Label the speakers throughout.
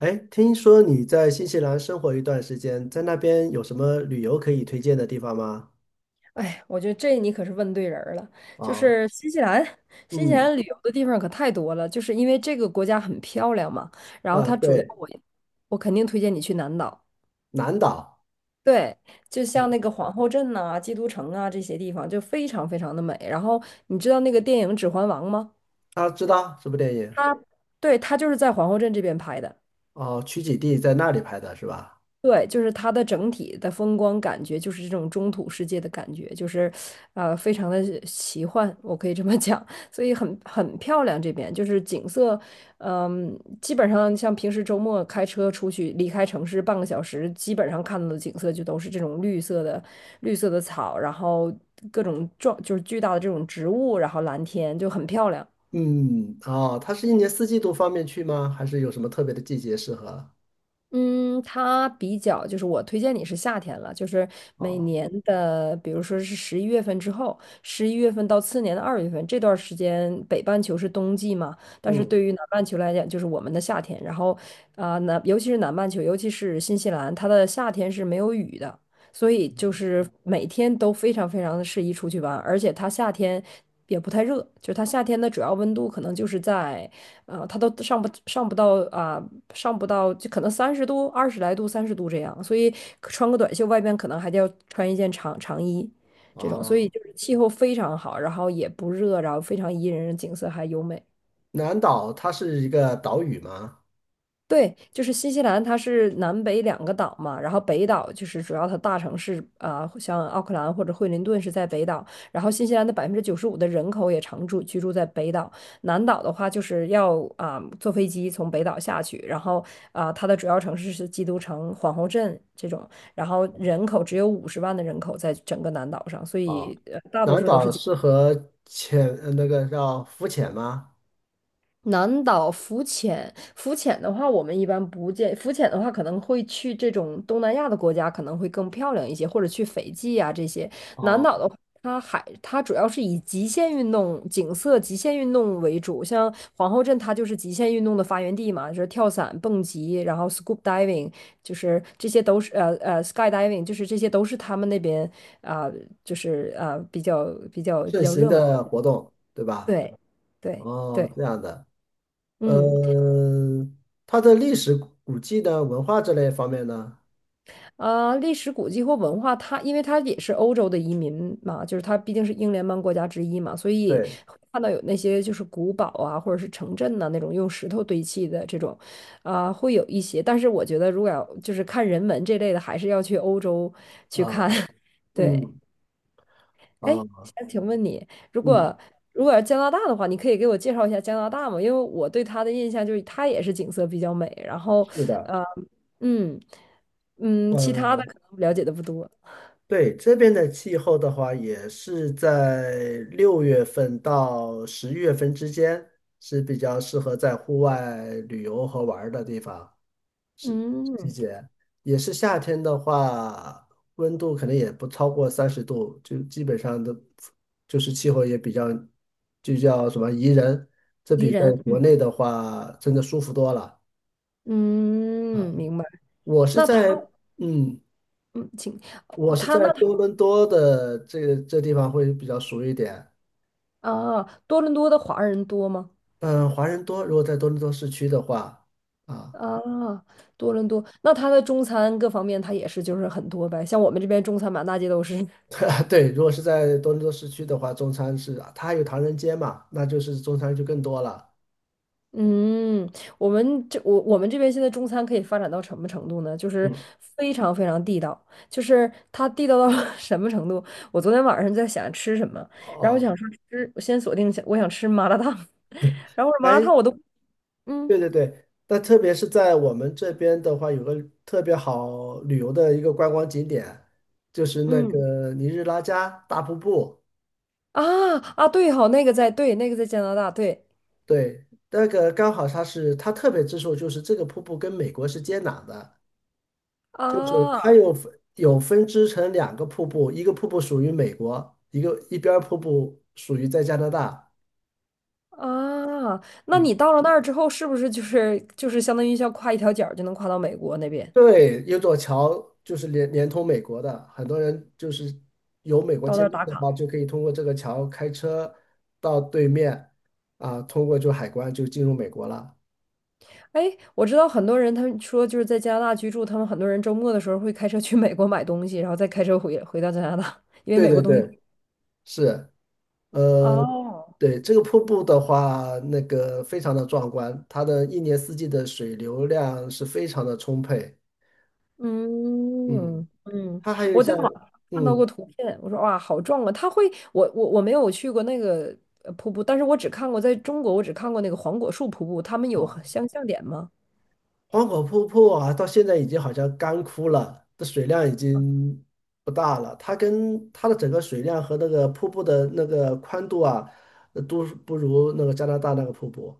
Speaker 1: 哎，听说你在新西兰生活一段时间，在那边有什么旅游可以推荐的地方吗？
Speaker 2: 哎，我觉得这你可是问对人儿了。就
Speaker 1: 啊。
Speaker 2: 是新西兰，新西
Speaker 1: 嗯。
Speaker 2: 兰旅游的地方可太多了，就是因为这个国家很漂亮嘛。然后
Speaker 1: 啊，
Speaker 2: 它主要
Speaker 1: 对。
Speaker 2: 我，我肯定推荐你去南岛。
Speaker 1: 南岛。
Speaker 2: 对，就像
Speaker 1: 嗯。
Speaker 2: 那个皇后镇呐、基督城啊这些地方，就非常非常的美。然后你知道那个电影《指环王》吗？
Speaker 1: 啊，知道什么电影？
Speaker 2: 它，对，它就是在皇后镇这边拍的。
Speaker 1: 哦，取景地在那里拍的是吧？
Speaker 2: 对，就是它的整体的风光感觉，就是这种中土世界的感觉，就是，非常的奇幻，我可以这么讲。所以很漂亮。这边就是景色，基本上像平时周末开车出去离开城市半个小时，基本上看到的景色就都是这种绿色的草，然后各种壮就是巨大的这种植物，然后蓝天就很漂亮。
Speaker 1: 嗯。哦，它是一年四季都方便去吗？还是有什么特别的季节适合？
Speaker 2: 嗯，它比较就是我推荐你是夏天了，就是每
Speaker 1: 哦。
Speaker 2: 年的，比如说是十一月份之后，十一月份到次年的2月份这段时间，北半球是冬季嘛，但是
Speaker 1: 嗯。
Speaker 2: 对于南半球来讲，就是我们的夏天。然后啊，尤其是南半球，尤其是新西兰，它的夏天是没有雨的。所以就是每天都非常非常的适宜出去玩，而且它夏天也不太热，就是它夏天的主要温度可能就是在，它都上不到就可能三十度、20来度、三十度这样，所以穿个短袖，外边可能还得要穿一件长衣这种，所以
Speaker 1: 哦，
Speaker 2: 就是气候非常好，然后也不热，然后非常宜人，景色还优美。
Speaker 1: 南岛它是一个岛屿吗？
Speaker 2: 对，就是新西兰，它是南北两个岛嘛，然后北岛就是主要它大城市啊、像奥克兰或者惠灵顿是在北岛，然后新西兰的95%的人口也常住居住在北岛，南岛的话就是要坐飞机从北岛下去，然后它的主要城市是基督城、皇后镇这种，然后人口只有50万的人口在整个南岛上，所
Speaker 1: 哦，
Speaker 2: 以大多
Speaker 1: 南
Speaker 2: 数都
Speaker 1: 岛
Speaker 2: 是。
Speaker 1: 适合那个叫浮潜吗？
Speaker 2: 南岛浮潜的话，我们一般不建。浮潜的话，可能会去这种东南亚的国家，可能会更漂亮一些，或者去斐济啊这些。南岛
Speaker 1: 哦。
Speaker 2: 的话，它海它主要是以极限运动、景色、极限运动为主，像皇后镇，它就是极限运动的发源地嘛，就是跳伞、蹦极，然后 scuba diving，就是这些都是skydiving，就是这些都是他们那边啊、就是比较比较比
Speaker 1: 盛
Speaker 2: 较
Speaker 1: 行
Speaker 2: 热门
Speaker 1: 的
Speaker 2: 的
Speaker 1: 活动，对吧？
Speaker 2: 对对
Speaker 1: 哦，
Speaker 2: 对，
Speaker 1: 这样的。
Speaker 2: 嗯。
Speaker 1: 嗯，它的历史古迹呢，文化这类方面呢？
Speaker 2: 啊，历史古迹或文化，它因为它也是欧洲的移民嘛，就是它毕竟是英联邦国家之一嘛，所以
Speaker 1: 对。
Speaker 2: 会看到有那些就是古堡啊，或者是城镇呐、那种用石头堆砌的这种，会有一些。但是我觉得，如果要就是看人文这类的，还是要去欧洲去看。
Speaker 1: 啊。
Speaker 2: 对，
Speaker 1: 嗯。
Speaker 2: 哎，
Speaker 1: 啊。
Speaker 2: 想请问你，如
Speaker 1: 嗯。
Speaker 2: 果要加拿大的话，你可以给我介绍一下加拿大吗？因为我对它的印象就是它也是景色比较美，然后
Speaker 1: 是的。
Speaker 2: 呃，嗯嗯。其他的
Speaker 1: 嗯。
Speaker 2: 可能了解的不多。
Speaker 1: 对，这边的气候的话，也是在6月份到11月份之间，是比较适合在户外旅游和玩儿的地方。季
Speaker 2: 嗯，
Speaker 1: 节，也是夏天的话，温度可能也不超过30度，就基本上都就是气候也比较，就叫什么宜人，这
Speaker 2: 宜
Speaker 1: 比在
Speaker 2: 人，
Speaker 1: 国
Speaker 2: 嗯
Speaker 1: 内的话真的舒服多了。啊。
Speaker 2: 嗯，明白。
Speaker 1: 我是
Speaker 2: 那
Speaker 1: 在，
Speaker 2: 他，
Speaker 1: 嗯，
Speaker 2: 嗯，请我
Speaker 1: 我是
Speaker 2: 他
Speaker 1: 在
Speaker 2: 那他
Speaker 1: 多伦多的这个这地方会比较熟一点。
Speaker 2: 啊，多伦多的华人多吗？
Speaker 1: 嗯，华人多，如果在多伦多市区的话啊。
Speaker 2: 啊，多伦多，那他的中餐各方面，他也是就是很多呗。像我们这边中餐满大街都是。
Speaker 1: 对，如果是在多伦多市区的话，中餐是它还有唐人街嘛，那就是中餐就更多了。
Speaker 2: 嗯，我们这边现在中餐可以发展到什么程度呢？就是
Speaker 1: 嗯。
Speaker 2: 非常非常地道，就是它地道到 什么程度？我昨天晚上在想吃什么，然后我
Speaker 1: 哦。
Speaker 2: 想说吃，我先锁定一下，我想吃麻辣烫，然后我说麻辣
Speaker 1: 哎，
Speaker 2: 烫我都。嗯
Speaker 1: 对对对，那特别是在我们这边的话，有个特别好旅游的一个观光景点，就是那
Speaker 2: 嗯
Speaker 1: 个尼日拉加大瀑布。
Speaker 2: 啊对好，那个在对，那个在加拿大，对
Speaker 1: 对，那个刚好它特别之处就是这个瀑布跟美国是接壤的，就是它
Speaker 2: 啊
Speaker 1: 有分支成两个瀑布，一个瀑布属于美国，一边儿瀑布属于在加拿大。
Speaker 2: 啊，那
Speaker 1: 嗯。
Speaker 2: 你到了那儿之后，是不是就是相当于像跨一条角儿就能跨到美国那边，
Speaker 1: 对，有座桥就是连通美国的，很多人就是有美国
Speaker 2: 到那
Speaker 1: 签
Speaker 2: 儿
Speaker 1: 证
Speaker 2: 打
Speaker 1: 的
Speaker 2: 卡？
Speaker 1: 话，就可以通过这个桥开车到对面啊，通过就海关就进入美国了。
Speaker 2: 哎，我知道很多人他们说就是在加拿大居住，他们很多人周末的时候会开车去美国买东西，然后再开车回到加拿大，因为
Speaker 1: 对
Speaker 2: 美国
Speaker 1: 对
Speaker 2: 东西。
Speaker 1: 对，是。呃，
Speaker 2: 哦。
Speaker 1: 对，这个瀑布的话，那个非常的壮观，它的一年四季的水流量是非常的充沛。嗯，
Speaker 2: 嗯嗯，
Speaker 1: 它还有
Speaker 2: 我在
Speaker 1: 像，
Speaker 2: 网上看到过
Speaker 1: 嗯，
Speaker 2: 图片，我说哇，好壮啊！它会，我没有去过那个瀑布，但是我只看过在中国，我只看过那个黄果树瀑布，他们有
Speaker 1: 好。
Speaker 2: 很相像点吗？
Speaker 1: 黄河瀑布啊，到现在已经好像干枯了，这水量已经不大了。它跟它的整个水量和那个瀑布的那个宽度啊，都不如那个加拿大那个瀑布。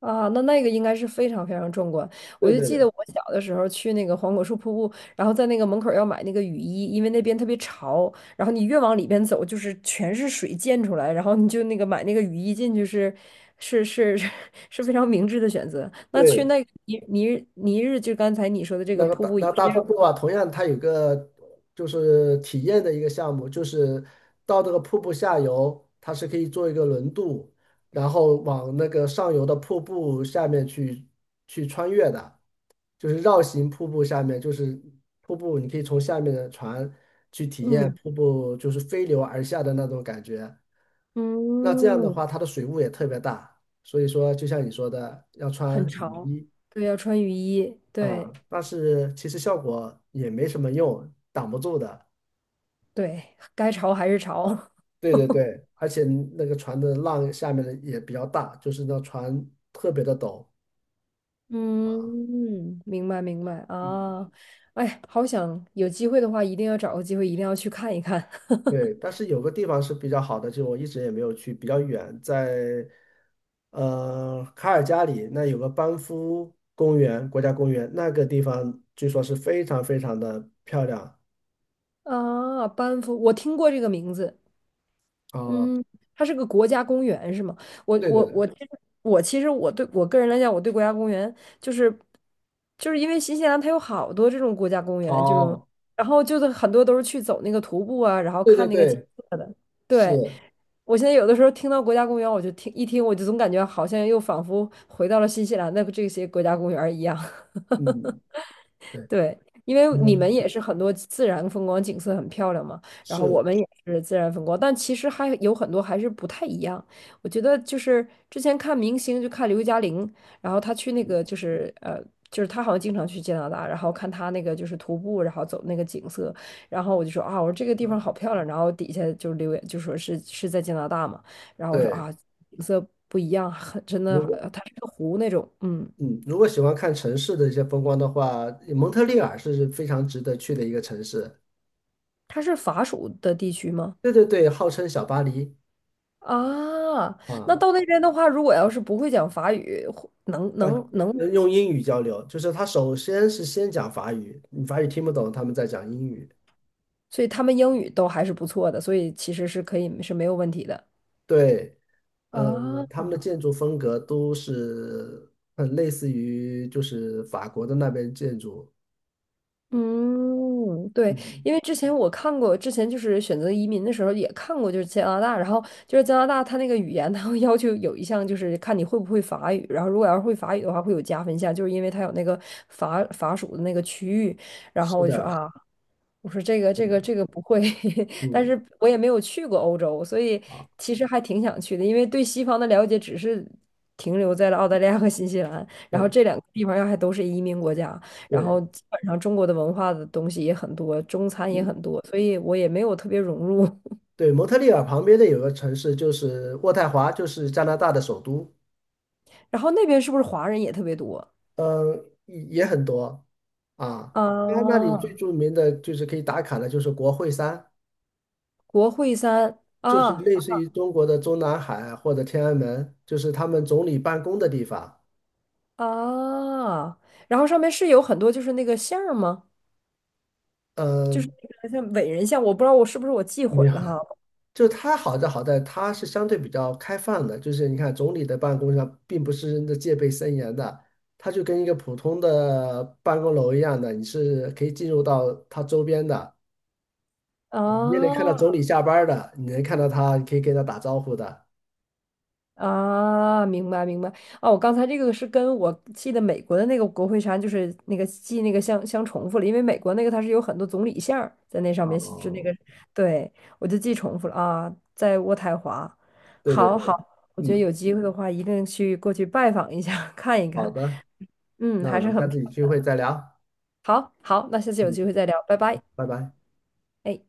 Speaker 2: 啊，那个应该是非常非常壮观。我
Speaker 1: 对
Speaker 2: 就
Speaker 1: 对
Speaker 2: 记
Speaker 1: 对，
Speaker 2: 得我小的时候去那个黄果树瀑布，然后在那个门口儿要买那个雨衣，因为那边特别潮，然后你越往里边走，就是全是水溅出来，然后你就那个买那个雨衣进去是是是 是非常明智的选择。那去
Speaker 1: 对
Speaker 2: 那个尼尼尼日，就刚才你说的这个
Speaker 1: 那个
Speaker 2: 瀑
Speaker 1: 大
Speaker 2: 布也
Speaker 1: 那大
Speaker 2: 是
Speaker 1: 瀑布
Speaker 2: 要，
Speaker 1: 啊，同样它有个就是体验的一个项目，就是到这个瀑布下游，它是可以做一个轮渡，然后往那个上游的瀑布下面去穿越的，就是绕行瀑布下面，就是瀑布，你可以从下面的船去体验
Speaker 2: 嗯
Speaker 1: 瀑布就是飞流而下的那种感觉。那这样的
Speaker 2: 嗯。
Speaker 1: 话，它的水雾也特别大，所以说就像你说的，要
Speaker 2: 很
Speaker 1: 穿雨
Speaker 2: 潮，
Speaker 1: 衣。
Speaker 2: 对，要穿雨衣，对
Speaker 1: 啊，但是其实效果也没什么用，挡不住的。
Speaker 2: 对，该潮还是潮。
Speaker 1: 对对对，而且那个船的浪下面的也比较大，就是那船特别的陡啊。
Speaker 2: 嗯，明白明白
Speaker 1: 嗯，
Speaker 2: 啊，哎，好想有机会的话，一定要找个机会，一定要去看一看。
Speaker 1: 对，但 是有个地方是比较好的，就我一直也没有去，比较远，在卡尔加里那有个班夫公园，国家公园，那个地方据说是非常非常的漂亮
Speaker 2: 啊！班夫，我听过这个名字，
Speaker 1: 啊。
Speaker 2: 嗯，它是个国家公园是吗？我
Speaker 1: 对对
Speaker 2: 我
Speaker 1: 对。
Speaker 2: 我其实我其实我对个人来讲，我对国家公园就是就是因为新西兰它有好多这种国家公园，这种
Speaker 1: 哦，
Speaker 2: 然后就是很多都是去走那个徒步啊，然后
Speaker 1: 对对
Speaker 2: 看那个景
Speaker 1: 对，
Speaker 2: 色的，对。
Speaker 1: 是。
Speaker 2: 我现在有的时候听到国家公园，我就听一听，我就总感觉好像又仿佛回到了新西兰的这些国家公园儿一样。
Speaker 1: 嗯。对。
Speaker 2: 对，因为你们
Speaker 1: 嗯，
Speaker 2: 也是很多自然风光景色很漂亮嘛，然后我
Speaker 1: 是。
Speaker 2: 们也是自然风光，但其实还有很多还是不太一样。我觉得就是之前看明星，就看刘嘉玲，然后她去那个就是就是她好像经常去加拿大，然后看她那个就是徒步，然后走那个景色，然后我就说啊，我说这个地
Speaker 1: 啊，
Speaker 2: 方好漂亮，然后底下就留言就说是在加拿大嘛，然后我说
Speaker 1: 对。
Speaker 2: 啊，景色不一样，很真的，
Speaker 1: 如果，
Speaker 2: 它是个湖那种，嗯，
Speaker 1: 嗯，如果喜欢看城市的一些风光的话，蒙特利尔是非常值得去的一个城市。
Speaker 2: 它是法属的地区吗？
Speaker 1: 对对对，号称小巴黎
Speaker 2: 啊，那
Speaker 1: 啊。
Speaker 2: 到那边的话，如果要是不会讲法语，或能
Speaker 1: 啊，
Speaker 2: 能能，
Speaker 1: 用英语交流，就是他首先是先讲法语，你法语听不懂，他们在讲英语。
Speaker 2: 所以他们英语都还是不错的，所以其实是可以是没有问题的。
Speaker 1: 对。嗯，
Speaker 2: 啊，
Speaker 1: 他们的建筑风格都是很类似于就是法国的那边建筑。
Speaker 2: 嗯，对，
Speaker 1: 嗯，
Speaker 2: 因为之前我看过，之前就是选择移民的时候也看过，就是加拿大，然后就是加拿大，它那个语言，它会要求有一项就是看你会不会法语，然后如果要是会法语的话，会有加分项，就是因为它有那个法属的那个区域，然后
Speaker 1: 是
Speaker 2: 我就说
Speaker 1: 的。
Speaker 2: 啊，我说这个
Speaker 1: 是
Speaker 2: 这个
Speaker 1: 的。
Speaker 2: 这个不会，但
Speaker 1: 嗯。
Speaker 2: 是我也没有去过欧洲，所以
Speaker 1: 啊，
Speaker 2: 其实还挺想去的，因为对西方的了解只是停留在了澳大利亚和新西兰，然后这
Speaker 1: 对
Speaker 2: 两个地方要还都是移民国家，然
Speaker 1: 对。
Speaker 2: 后基本上中国的文化的东西也很多，中餐也
Speaker 1: 嗯，
Speaker 2: 很多，所以我也没有特别融入。
Speaker 1: 对，蒙特利尔旁边的有个城市就是渥太华，就是加拿大的首都。
Speaker 2: 然后那边是不是华人也特别多
Speaker 1: 嗯，也很多啊。它那里最
Speaker 2: 啊？
Speaker 1: 著名的就是可以打卡的，就是国会山，
Speaker 2: 国会山
Speaker 1: 就是
Speaker 2: 啊
Speaker 1: 类似于中国的中南海或者天安门，就是他们总理办公的地方。
Speaker 2: 啊，然后上面是有很多就是那个像儿吗？就是
Speaker 1: 嗯，
Speaker 2: 那个像伟人像，我不知道我是不是我记
Speaker 1: 没
Speaker 2: 混
Speaker 1: 有
Speaker 2: 了
Speaker 1: 很。
Speaker 2: 哈。
Speaker 1: 就它好在它是相对比较开放的，就是你看总理的办公上并不是真的戒备森严的，它就跟一个普通的办公楼一样的，你是可以进入到它周边的。啊，你也能看到总
Speaker 2: 啊
Speaker 1: 理下班儿的，你能看到他，你可以跟他打招呼的。
Speaker 2: 啊，明白明白。哦，我刚才这个是跟我记得美国的那个国会山，就是那个记那个相重复了，因为美国那个它是有很多总理像儿在那上面，是那
Speaker 1: 哦，
Speaker 2: 个，对，我就记重复了啊，在渥太华。
Speaker 1: 对对
Speaker 2: 好好，
Speaker 1: 对。
Speaker 2: 我觉得
Speaker 1: 嗯，
Speaker 2: 有机会的话，一定去过去拜访一下，看一
Speaker 1: 好
Speaker 2: 看。
Speaker 1: 的。
Speaker 2: 嗯，
Speaker 1: 那我
Speaker 2: 还是
Speaker 1: 们下
Speaker 2: 很漂
Speaker 1: 次有机
Speaker 2: 亮。
Speaker 1: 会再聊。
Speaker 2: 好好，那下次有
Speaker 1: 嗯，
Speaker 2: 机会再聊，拜拜。
Speaker 1: 拜拜。
Speaker 2: 哎。